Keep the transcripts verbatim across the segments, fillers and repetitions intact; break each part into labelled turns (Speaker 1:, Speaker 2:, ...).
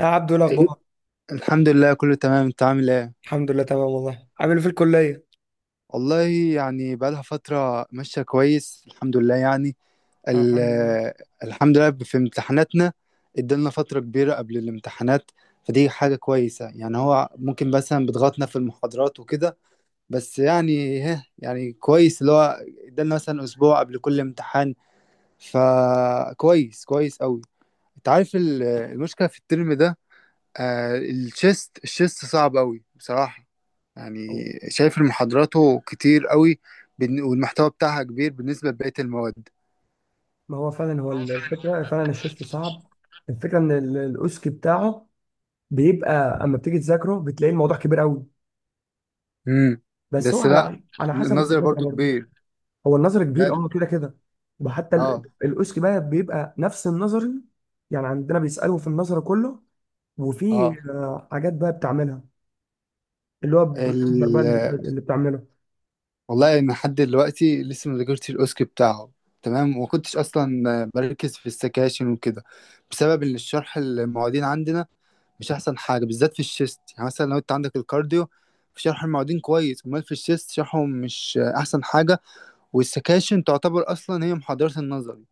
Speaker 1: يا عبدو، إيه
Speaker 2: إيه؟
Speaker 1: الاخبار؟
Speaker 2: الحمد لله كله تمام، انت عامل ايه؟
Speaker 1: الحمد لله تمام والله. عامل إيه في الكليه؟
Speaker 2: والله يعني بقالها فترة ماشية كويس الحمد لله يعني.
Speaker 1: طب
Speaker 2: ال-
Speaker 1: الحمد لله.
Speaker 2: الحمد لله في امتحاناتنا ادالنا فترة كبيرة قبل الامتحانات، فدي حاجة كويسة يعني. هو ممكن مثلا بيضغطنا في المحاضرات وكده، بس يعني ها يعني كويس اللي هو ادالنا مثلا اسبوع قبل كل امتحان، فكويس كويس قوي. انت عارف ال- المشكلة في الترم ده، آه الشيست الشيست صعب قوي بصراحة يعني.
Speaker 1: هو-
Speaker 2: شايف ان محاضراته كتير قوي، بالن- والمحتوى بتاعها كبير بالنسبة لبقية المواد.
Speaker 1: ما هو فعلا، هو الفكره فعلا الشيست صعب. الفكره ان ال- الاوسكي بتاعه بيبقى اما بتيجي تذاكره بتلاقي الموضوع كبير قوي.
Speaker 2: امم
Speaker 1: بس هو
Speaker 2: بس لا،
Speaker 1: على على حسب
Speaker 2: النظري
Speaker 1: الدكاتره
Speaker 2: برضو
Speaker 1: برضه.
Speaker 2: كبير
Speaker 1: هو النظر كبير،
Speaker 2: لان
Speaker 1: اه كده كده. وحتى ال-
Speaker 2: اه.
Speaker 1: الاوسكي بقى بيبقى نفس النظري. يعني عندنا بيسالوا في النظر كله. وفي
Speaker 2: اه
Speaker 1: آه، حاجات بقى بتعملها، اللي هو بروسيجر بقى
Speaker 2: ال...
Speaker 1: اللي بت- اللي بتعمله.
Speaker 2: والله انا لحد دلوقتي لسه ما ذاكرتش الاوسكي بتاعه، تمام، وما كنتش اصلا بركز في السكاشن وكده، بسبب ان الشرح المعيدين عندنا مش احسن حاجه بالذات في الشيست. يعني مثلا لو انت عندك الكارديو في شرح المعيدين كويس، امال في الشيست شرحهم مش احسن حاجه، والسكاشن تعتبر اصلا هي محاضرة النظري.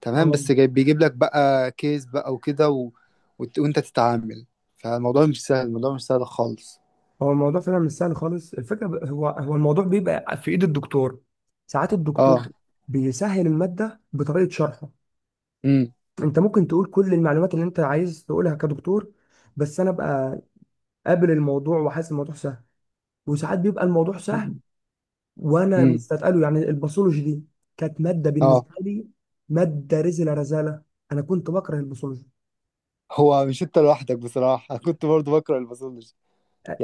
Speaker 2: تمام،
Speaker 1: اه،
Speaker 2: بس جاي بيجيب لك بقى كيس بقى وكده و... وت- وانت تتعامل، فالموضوع مش سهل، الموضوع مش سهل خالص.
Speaker 1: هو الموضوع فعلا مش سهل خالص. الفكره ب- هو هو الموضوع بيبقى في ايد الدكتور. ساعات الدكتور
Speaker 2: اه.
Speaker 1: بيسهل الماده بطريقه شرحه.
Speaker 2: امم
Speaker 1: انت ممكن تقول كل المعلومات اللي انت عايز تقولها كدكتور، بس انا ابقى قابل الموضوع وحاسس الموضوع سهل. وساعات بيبقى الموضوع سهل وانا
Speaker 2: امم
Speaker 1: مستثقله، يعني الباثولوجي دي كانت ماده
Speaker 2: اه،
Speaker 1: بالنسبه لي، ماده رزله رزاله. انا كنت بكره الباثولوجي.
Speaker 2: هو مش انت لوحدك بصراحة كنت برضو بكره الباثولوجي.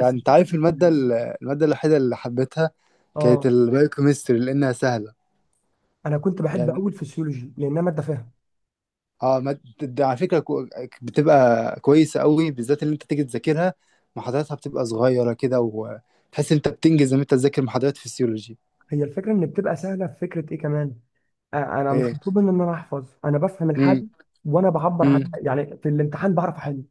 Speaker 1: بس
Speaker 2: انت
Speaker 1: الفكره
Speaker 2: عارف المادة
Speaker 1: في-
Speaker 2: ال- المادة الوحيدة اللي حبيتها كانت
Speaker 1: اه،
Speaker 2: البايوكيمستري لانها سهلة
Speaker 1: انا كنت بحب
Speaker 2: يعني.
Speaker 1: اول فسيولوجي لانها ماده فاهم.
Speaker 2: اه، ما ده على فكره كو- بتبقى كويسه قوي، بالذات اللي انت تيجي تذاكرها محاضراتها بتبقى صغيره كده، وتحس انت بتنجز لما انت تذاكر محاضرات فيسيولوجي.
Speaker 1: هي الفكره ان بتبقى سهله في فكره ايه كمان، انا مش
Speaker 2: ايه.
Speaker 1: مطلوب مني ان انا احفظ، انا بفهم
Speaker 2: امم
Speaker 1: الحاجه وانا بعبر
Speaker 2: امم
Speaker 1: عنها، يعني في الامتحان بعرف احل.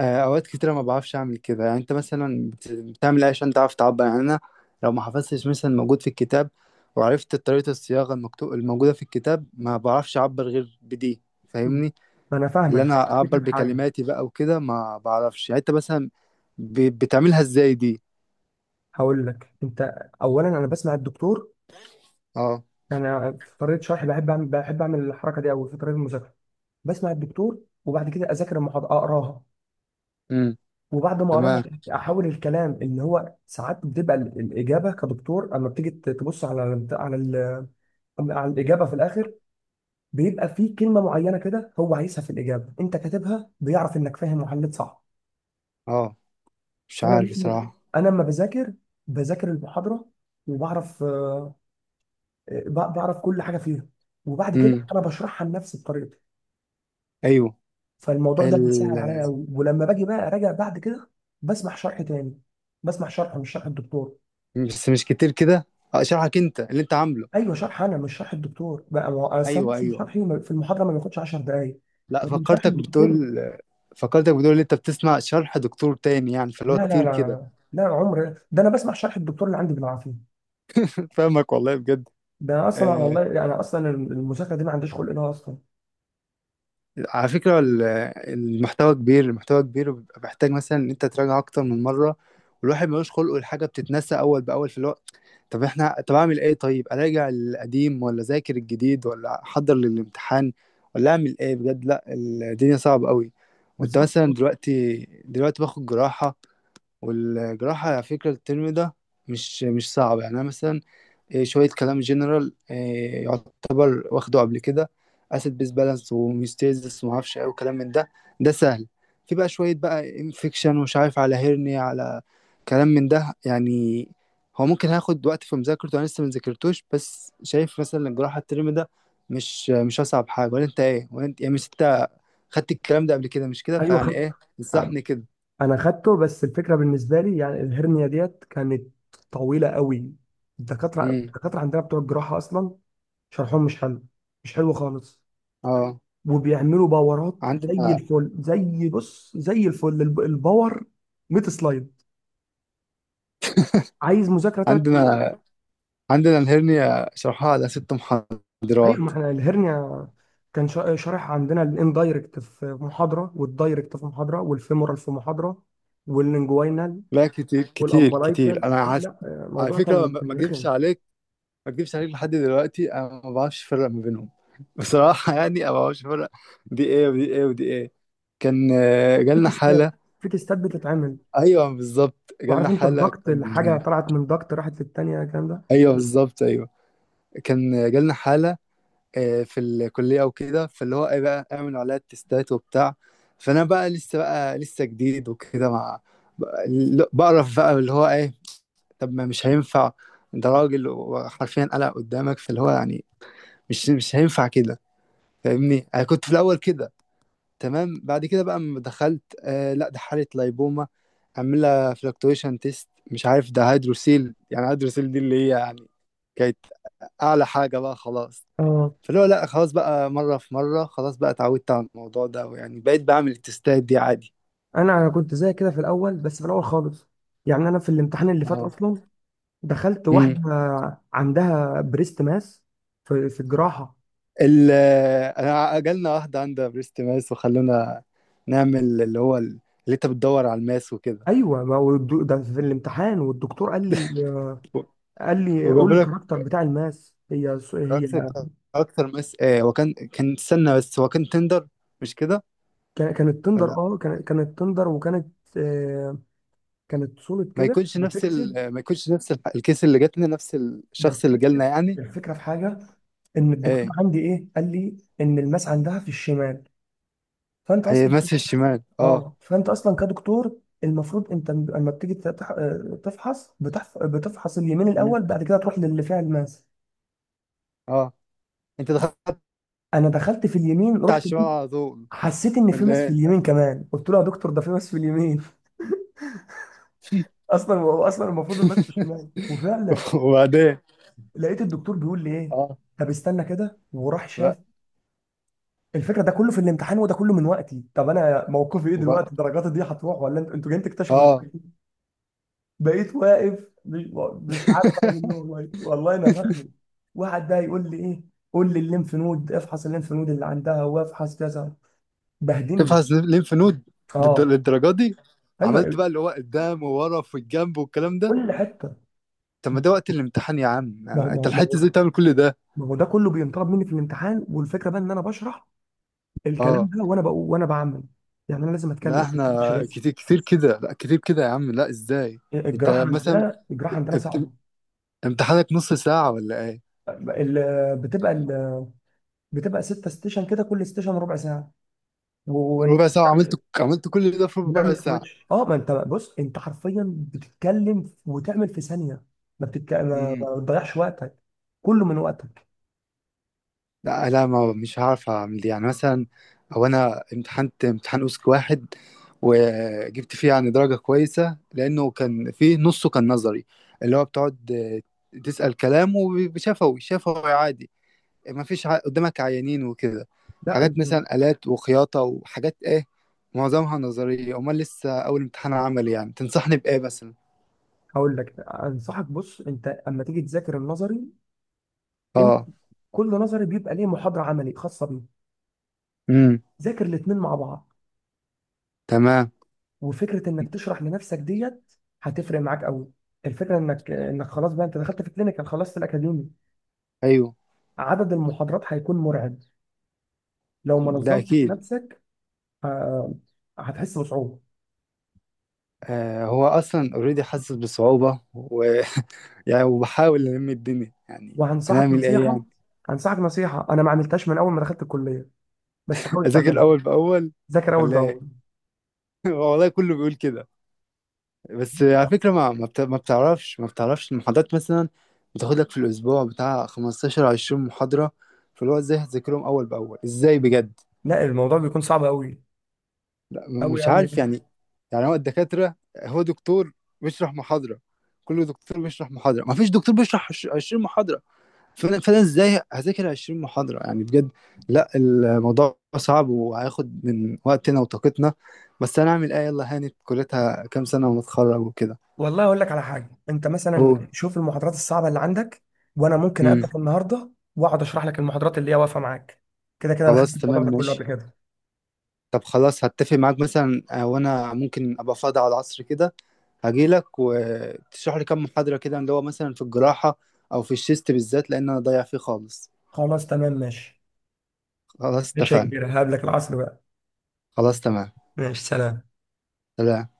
Speaker 2: آه، اوقات كتيره ما بعرفش اعمل كده. يعني انت مثلا بت- بتعمل ايه عشان تعرف تعبر يعني؟ انا لو ما حفظتش مثلا موجود في الكتاب، وعرفت طريقه الصياغه المكتوب الموجوده في الكتاب، ما بعرفش اعبر غير بدي،
Speaker 1: مم.
Speaker 2: فاهمني؟
Speaker 1: ما انا
Speaker 2: اللي
Speaker 1: فاهمك، بس
Speaker 2: انا اعبر
Speaker 1: الفكره في حاجه.
Speaker 2: بكلماتي بقى وكده ما بعرفش. يعني انت مثلا ب- بتعملها ازاي دي؟
Speaker 1: هقول لك انت، اولا انا بسمع الدكتور.
Speaker 2: اه،
Speaker 1: انا في طريقه شرحي بحب اعمل بحب اعمل الحركه دي قوي في طريقه المذاكره. بسمع الدكتور، وبعد كده اذاكر المحاضره اقراها، وبعد ما اقراها
Speaker 2: تمام.
Speaker 1: احاول الكلام اللي هو ساعات بتبقى ال- الاجابه كدكتور اما بتيجي ت- تبص على ال- على ال- على الاجابه في الاخر. بيبقى فيه كلمه معينه كده هو عايزها في الاجابه، انت كاتبها بيعرف انك فاهم وحليت صح.
Speaker 2: اه، مش
Speaker 1: فانا
Speaker 2: عارف
Speaker 1: مثل
Speaker 2: صراحة.
Speaker 1: انا لما بذاكر، بذاكر المحاضره وبعرف آه، ب- بعرف كل حاجه فيها. وبعد كده
Speaker 2: امم.
Speaker 1: انا بشرحها لنفسي بطريقتي.
Speaker 2: ايوه.
Speaker 1: فالموضوع ده
Speaker 2: ال...
Speaker 1: بيسهل عليا قوي، ولما باجي بقى اراجع بعد كده بسمع شرح تاني، بسمع شرح مش شرح الدكتور.
Speaker 2: بس مش كتير كده. آه، اشرحك انت اللي انت عامله.
Speaker 1: ايوه، شرح انا مش شرح الدكتور بقى، ما هو أصل أنا
Speaker 2: ايوه
Speaker 1: مثلا
Speaker 2: ايوه،
Speaker 1: شرحي في المحاضره ما بياخدش عشر دقائق.
Speaker 2: لا
Speaker 1: لكن شرح
Speaker 2: فكرتك
Speaker 1: الدكتور،
Speaker 2: بتقول، فكرتك بتقول ان انت بتسمع شرح دكتور تاني، يعني فاللي هو
Speaker 1: لا لا
Speaker 2: كتير كده.
Speaker 1: لا لا، عمر ده انا بسمع شرح الدكتور اللي عندي بالعافيه.
Speaker 2: فاهمك والله بجد.
Speaker 1: ده انا اصلا
Speaker 2: آه،
Speaker 1: والله، يعني اصلا المذاكره دي ما عنديش خلق لها اصلا.
Speaker 2: على فكرة ال- المحتوى كبير، المحتوى كبير، وبيبقى محتاج مثلا ان انت تراجع اكتر من مرة، والواحد ملوش خلق والحاجة بتتنسى اول باول في الوقت. طب احنا، طب اعمل ايه؟ طيب اراجع القديم، ولا ذاكر الجديد، ولا احضر للامتحان، ولا اعمل ايه بجد؟ لا الدنيا صعبة قوي. وانت
Speaker 1: بالظبط.
Speaker 2: مثلا دلوقتي، دلوقتي باخد جراحة، والجراحة على فكرة الترم ده مش مش صعب يعني. انا مثلا إيه، شوية كلام جنرال إيه، يعتبر واخده قبل كده، اسيد بيس بالانس وهيوستيزيس ومعرفش ايه وكلام من ده، ده سهل. في بقى شوية بقى انفكشن ومش عارف، على هيرنيا، على كلام من ده يعني. هو ممكن هاخد وقت في مذاكرته، انا لسه ما ذاكرتوش، بس شايف مثلا الجراحة الترم ده مش مش اصعب حاجة. ولا انت ايه؟ ولا انت يعني، مش انت خدت الكلام ده قبل كده؟ مش كده؟
Speaker 1: ايوه
Speaker 2: فيعني
Speaker 1: خدت،
Speaker 2: ايه انصحني كده.
Speaker 1: انا خدته. بس الفكره بالنسبه لي يعني الهرنيه ديت كانت طويله قوي. الدكاتره
Speaker 2: امم.
Speaker 1: الدكاتره عندنا بتوع الجراحه اصلا شرحهم مش حلو، مش حلو خالص.
Speaker 2: اه،
Speaker 1: وبيعملوا باورات زي
Speaker 2: عندنا
Speaker 1: الفل، زي بص زي الفل الب- الباور مائة سلايد، عايز مذاكره ثلاث.
Speaker 2: عندنا عندنا الهرنيا شرحها على ست
Speaker 1: ايوه،
Speaker 2: محاضرات،
Speaker 1: ما احنا الهرنيا كان شا- شارح عندنا الاندايركت في محاضره، والدايركت في محاضره، والفيمورال في محاضره، واللينجواينال
Speaker 2: لا كتير كتير
Speaker 1: والامبلايكال.
Speaker 2: كتير. انا عاس...
Speaker 1: لا، آه،
Speaker 2: على
Speaker 1: الموضوع
Speaker 2: فكره،
Speaker 1: كان
Speaker 2: ما ما
Speaker 1: كان
Speaker 2: اكذبش
Speaker 1: رخم.
Speaker 2: عليك، ما اكذبش عليك، لحد دلوقتي انا ما بعرفش افرق ما بينهم بصراحه. يعني انا ما بعرفش افرق دي ايه ودي ايه ودي ايه. كان آه،
Speaker 1: في
Speaker 2: جالنا
Speaker 1: تيستات
Speaker 2: حاله.
Speaker 1: في تيستات بتتعمل.
Speaker 2: ايوه بالظبط، جالنا
Speaker 1: وعارف انت
Speaker 2: حاله
Speaker 1: الضغط،
Speaker 2: كان
Speaker 1: الحاجه
Speaker 2: آه،
Speaker 1: طلعت من ضغط راحت للتانيه، الكلام ده.
Speaker 2: ايوه، بالظبط ايوه. كان آه، جالنا حاله آه، في الكليه وكده، فاللي هو ايه بقى، اعملوا عليها التستات وبتاع. فانا بقى لسه، بقى لسه جديد وكده، مع بقرف بقى اللي هو ايه، طب ما مش هينفع، انت راجل وحرفيا قلق قدامك، فاللي هو يعني مش مش هينفع كده، فاهمني؟ انا كنت في الاول كده، تمام. بعد كده بقى لما دخلت، آه لا ده حاله لايبوما، عامله فلكتويشن تيست، مش عارف، ده هيدروسيل يعني، هيدروسيل دي اللي هي يعني كانت اعلى حاجه بقى خلاص.
Speaker 1: اه،
Speaker 2: فاللي هو لا خلاص بقى، مره في مره خلاص بقى اتعودت على الموضوع ده، ويعني بقيت بعمل التستات دي عادي.
Speaker 1: انا انا كنت زي كده في الاول، بس في الاول خالص. يعني انا في الامتحان اللي فات
Speaker 2: اه،
Speaker 1: اصلا دخلت واحده عندها بريست ماس في في الجراحه.
Speaker 2: ال انا جالنا واحدة عندها بريست ماس وخلونا نعمل اللي هو ال- اللي انت بتدور على الماس وكده
Speaker 1: ايوه، ما هو الدو- ده في الامتحان، والدكتور قال لي،
Speaker 2: و-
Speaker 1: قال لي قول
Speaker 2: وجابوا لك
Speaker 1: الكاركتر بتاع الماس. هي س- هي
Speaker 2: كاركتر، كاركتر ماس. آه هو كان، كان استنى، بس هو كان تندر مش كده،
Speaker 1: كان- كانت
Speaker 2: ولا
Speaker 1: تندر
Speaker 2: لأ؟
Speaker 1: اه كان- كانت تندر وكانت، آه، كانت سوليد
Speaker 2: ما
Speaker 1: كده
Speaker 2: يكونش نفس
Speaker 1: وفيكسد.
Speaker 2: ال... ما يكونش نفس ال- الكيس اللي جاتنا، نفس
Speaker 1: ده
Speaker 2: الشخص اللي
Speaker 1: الفك-
Speaker 2: جالنا يعني.
Speaker 1: الفكره في حاجه، ان الدكتور
Speaker 2: ايه،
Speaker 1: عندي ايه قال لي ان الماس عندها في الشمال. فانت
Speaker 2: هي
Speaker 1: اصلا
Speaker 2: ماس في الشمال اه.
Speaker 1: اه، فانت اصلا كدكتور المفروض انت م- لما بتيجي تتح- آه، تفحص، بتحف- بتفحص اليمين
Speaker 2: مم.
Speaker 1: الاول بعد كده تروح للي فيها الماس.
Speaker 2: اه، انت دخلت
Speaker 1: انا دخلت في اليمين،
Speaker 2: على
Speaker 1: رحت
Speaker 2: الشمال
Speaker 1: لقيت،
Speaker 2: على طول
Speaker 1: حسيت ان في
Speaker 2: ولا
Speaker 1: ماس في
Speaker 2: ايه؟
Speaker 1: اليمين كمان، قلت له يا دكتور ده في ماس في اليمين. اصلا هو اصلا المفروض المسح الشمال، وفعلا
Speaker 2: وبعدين؟
Speaker 1: لقيت الدكتور بيقول لي ايه؟
Speaker 2: اه،
Speaker 1: طب استنى كده، وراح شاف.
Speaker 2: بقى
Speaker 1: الفكره ده كله في الامتحان، وده كله من وقتي. طب انا موقفي ايه
Speaker 2: وبقى
Speaker 1: دلوقتي؟ درجاتي دي هتروح، ولا انتوا انتوا جايين تكتشفوا
Speaker 2: اه.
Speaker 1: دلوقتي؟ بقيت واقف، مش مش عارف اعمل ايه. والله والله انا فخمي. واحد بقى يقول لي ايه؟ قول لي الليمف نود، افحص الليمف نود اللي عندها وافحص كذا. بهدلني.
Speaker 2: تفحص ليمف نود؟ بالد-
Speaker 1: اه،
Speaker 2: للدرجه دي؟ عملت
Speaker 1: ايوه
Speaker 2: بقى اللي هو قدام وورا في الجنب والكلام ده؟
Speaker 1: كل حته.
Speaker 2: طب ما ده وقت الامتحان يا عم،
Speaker 1: ما هو ما هو
Speaker 2: انت
Speaker 1: ما
Speaker 2: لحقت
Speaker 1: هو
Speaker 2: ازاي تعمل كل ده؟
Speaker 1: ما هو ده كله بينطلب مني في الامتحان. والفكره بقى ان انا بشرح الكلام
Speaker 2: اه
Speaker 1: ده وانا بقول وانا بعمل، يعني انا لازم اتكلم،
Speaker 2: لا،
Speaker 1: ما بعملش
Speaker 2: احنا
Speaker 1: بس.
Speaker 2: كتير كتير كده، لا كتير كده يا عم، لا ازاي؟
Speaker 1: الجراحه
Speaker 2: انت مثلا
Speaker 1: عندنا، الجراحه عندنا
Speaker 2: ابت-
Speaker 1: صعبه.
Speaker 2: امتحانك نص ساعه ولا ايه؟
Speaker 1: ال- بتبقى ال- بتبقى ستة ستيشن كده، كل ستيشن ربع ساعه. ون-
Speaker 2: ربع ساعه؟ عملت عملت كل ده في ربع
Speaker 1: ونعمل
Speaker 2: ساعه؟
Speaker 1: سويتش. اه، ما انت بص انت حرفيا بتتكلم وتعمل في ثانيه، ما بتتك... ما
Speaker 2: مم.
Speaker 1: ما بتضيعش وقتك، كله من وقتك.
Speaker 2: لا لا، ما مش هعرف اعمل دي. يعني مثلا او انا امتحنت امتحان اوسك واحد، وجبت فيه يعني درجة كويسة، لانه كان فيه نصه كان نظري، اللي هو بتقعد آه، تسأل كلام، وشفوي شفوي عادي، ما فيش ع- قدامك عيانين وكده،
Speaker 1: لا
Speaker 2: حاجات
Speaker 1: انت-
Speaker 2: مثلا آلات وخياطة وحاجات ايه، معظمها نظرية. امال لسه اول امتحان عملي يعني، تنصحني بايه مثلا؟
Speaker 1: هقول لك انصحك. بص انت اما تيجي تذاكر النظري، انت
Speaker 2: اه.
Speaker 1: كل نظري بيبقى ليه محاضره عملي خاصه بيه.
Speaker 2: امم.
Speaker 1: ذاكر الاثنين مع بعض.
Speaker 2: تمام.
Speaker 1: وفكره انك تشرح لنفسك ديت هتفرق معاك قوي. الفكره انك، انك خلاص بقى انت دخلت في كلينيكال، خلصت الاكاديمي.
Speaker 2: ايوه.
Speaker 1: عدد المحاضرات هيكون مرعب لو ما
Speaker 2: ده
Speaker 1: نظمتش
Speaker 2: اكيد.
Speaker 1: نفسك. آه، هتحس بصعوبه.
Speaker 2: آه، هو اصلا اوريدي حاسس بصعوبه يعني، وبحاول ألم الدنيا يعني،
Speaker 1: وهنصحك
Speaker 2: هنعمل إيه
Speaker 1: نصيحه
Speaker 2: يعني؟
Speaker 1: هنصحك نصيحه، انا ما عملتهاش من اول ما دخلت الكليه، بس حاول
Speaker 2: أذاكر
Speaker 1: تعملها.
Speaker 2: أول بأول
Speaker 1: ذاكر اول
Speaker 2: ولا إيه؟
Speaker 1: باول.
Speaker 2: والله كله بيقول كده. بس على فكرة، ما ما بت- ما بتعرفش، ما بتعرفش المحاضرات مثلا بتاخد لك في الأسبوع بتاع خمسة عشر عشرين محاضرة، فاللي هو إزاي هتذاكرهم أول بأول إزاي بجد؟
Speaker 1: لا، الموضوع بيكون صعب قوي
Speaker 2: لا م-
Speaker 1: قوي
Speaker 2: مش
Speaker 1: قوي.
Speaker 2: عارف يعني. يعني هو الدكاترة، هو دكتور بيشرح محاضرة، كل دكتور بيشرح محاضرة، ما فيش دكتور بيشرح عش- عشرين محاضرة، فانا فانا ازاي هذاكر عشرين محاضره يعني بجد؟ لا الموضوع صعب وهياخد من وقتنا وطاقتنا، بس انا اعمل ايه؟ يلا هانت، كليتها كام سنه ونتخرج وكده.
Speaker 1: والله اقول لك على حاجه، انت مثلا
Speaker 2: اوه.
Speaker 1: شوف المحاضرات الصعبه اللي عندك، وانا ممكن
Speaker 2: امم.
Speaker 1: اقابلك النهارده واقعد اشرح لك المحاضرات اللي هي واقفه معاك. كده كده انا خدت
Speaker 2: خلاص
Speaker 1: الموضوع
Speaker 2: تمام
Speaker 1: ده كله قبل
Speaker 2: ماشي.
Speaker 1: كده.
Speaker 2: طب خلاص هتفق معاك مثلا آه، وانا ممكن ابقى فاضي على العصر كده، هجيلك وتشرح لي كام محاضره كده، اللي هو مثلا في الجراحه او في الشيست بالذات، لان انا ضايع فيه خالص.
Speaker 1: خلاص تمام ماشي.
Speaker 2: خلاص
Speaker 1: ماشي يا
Speaker 2: اتفقنا.
Speaker 1: كبير، هقابلك العصر بقى.
Speaker 2: خلاص تمام.
Speaker 1: ماشي، سلام.
Speaker 2: سلام.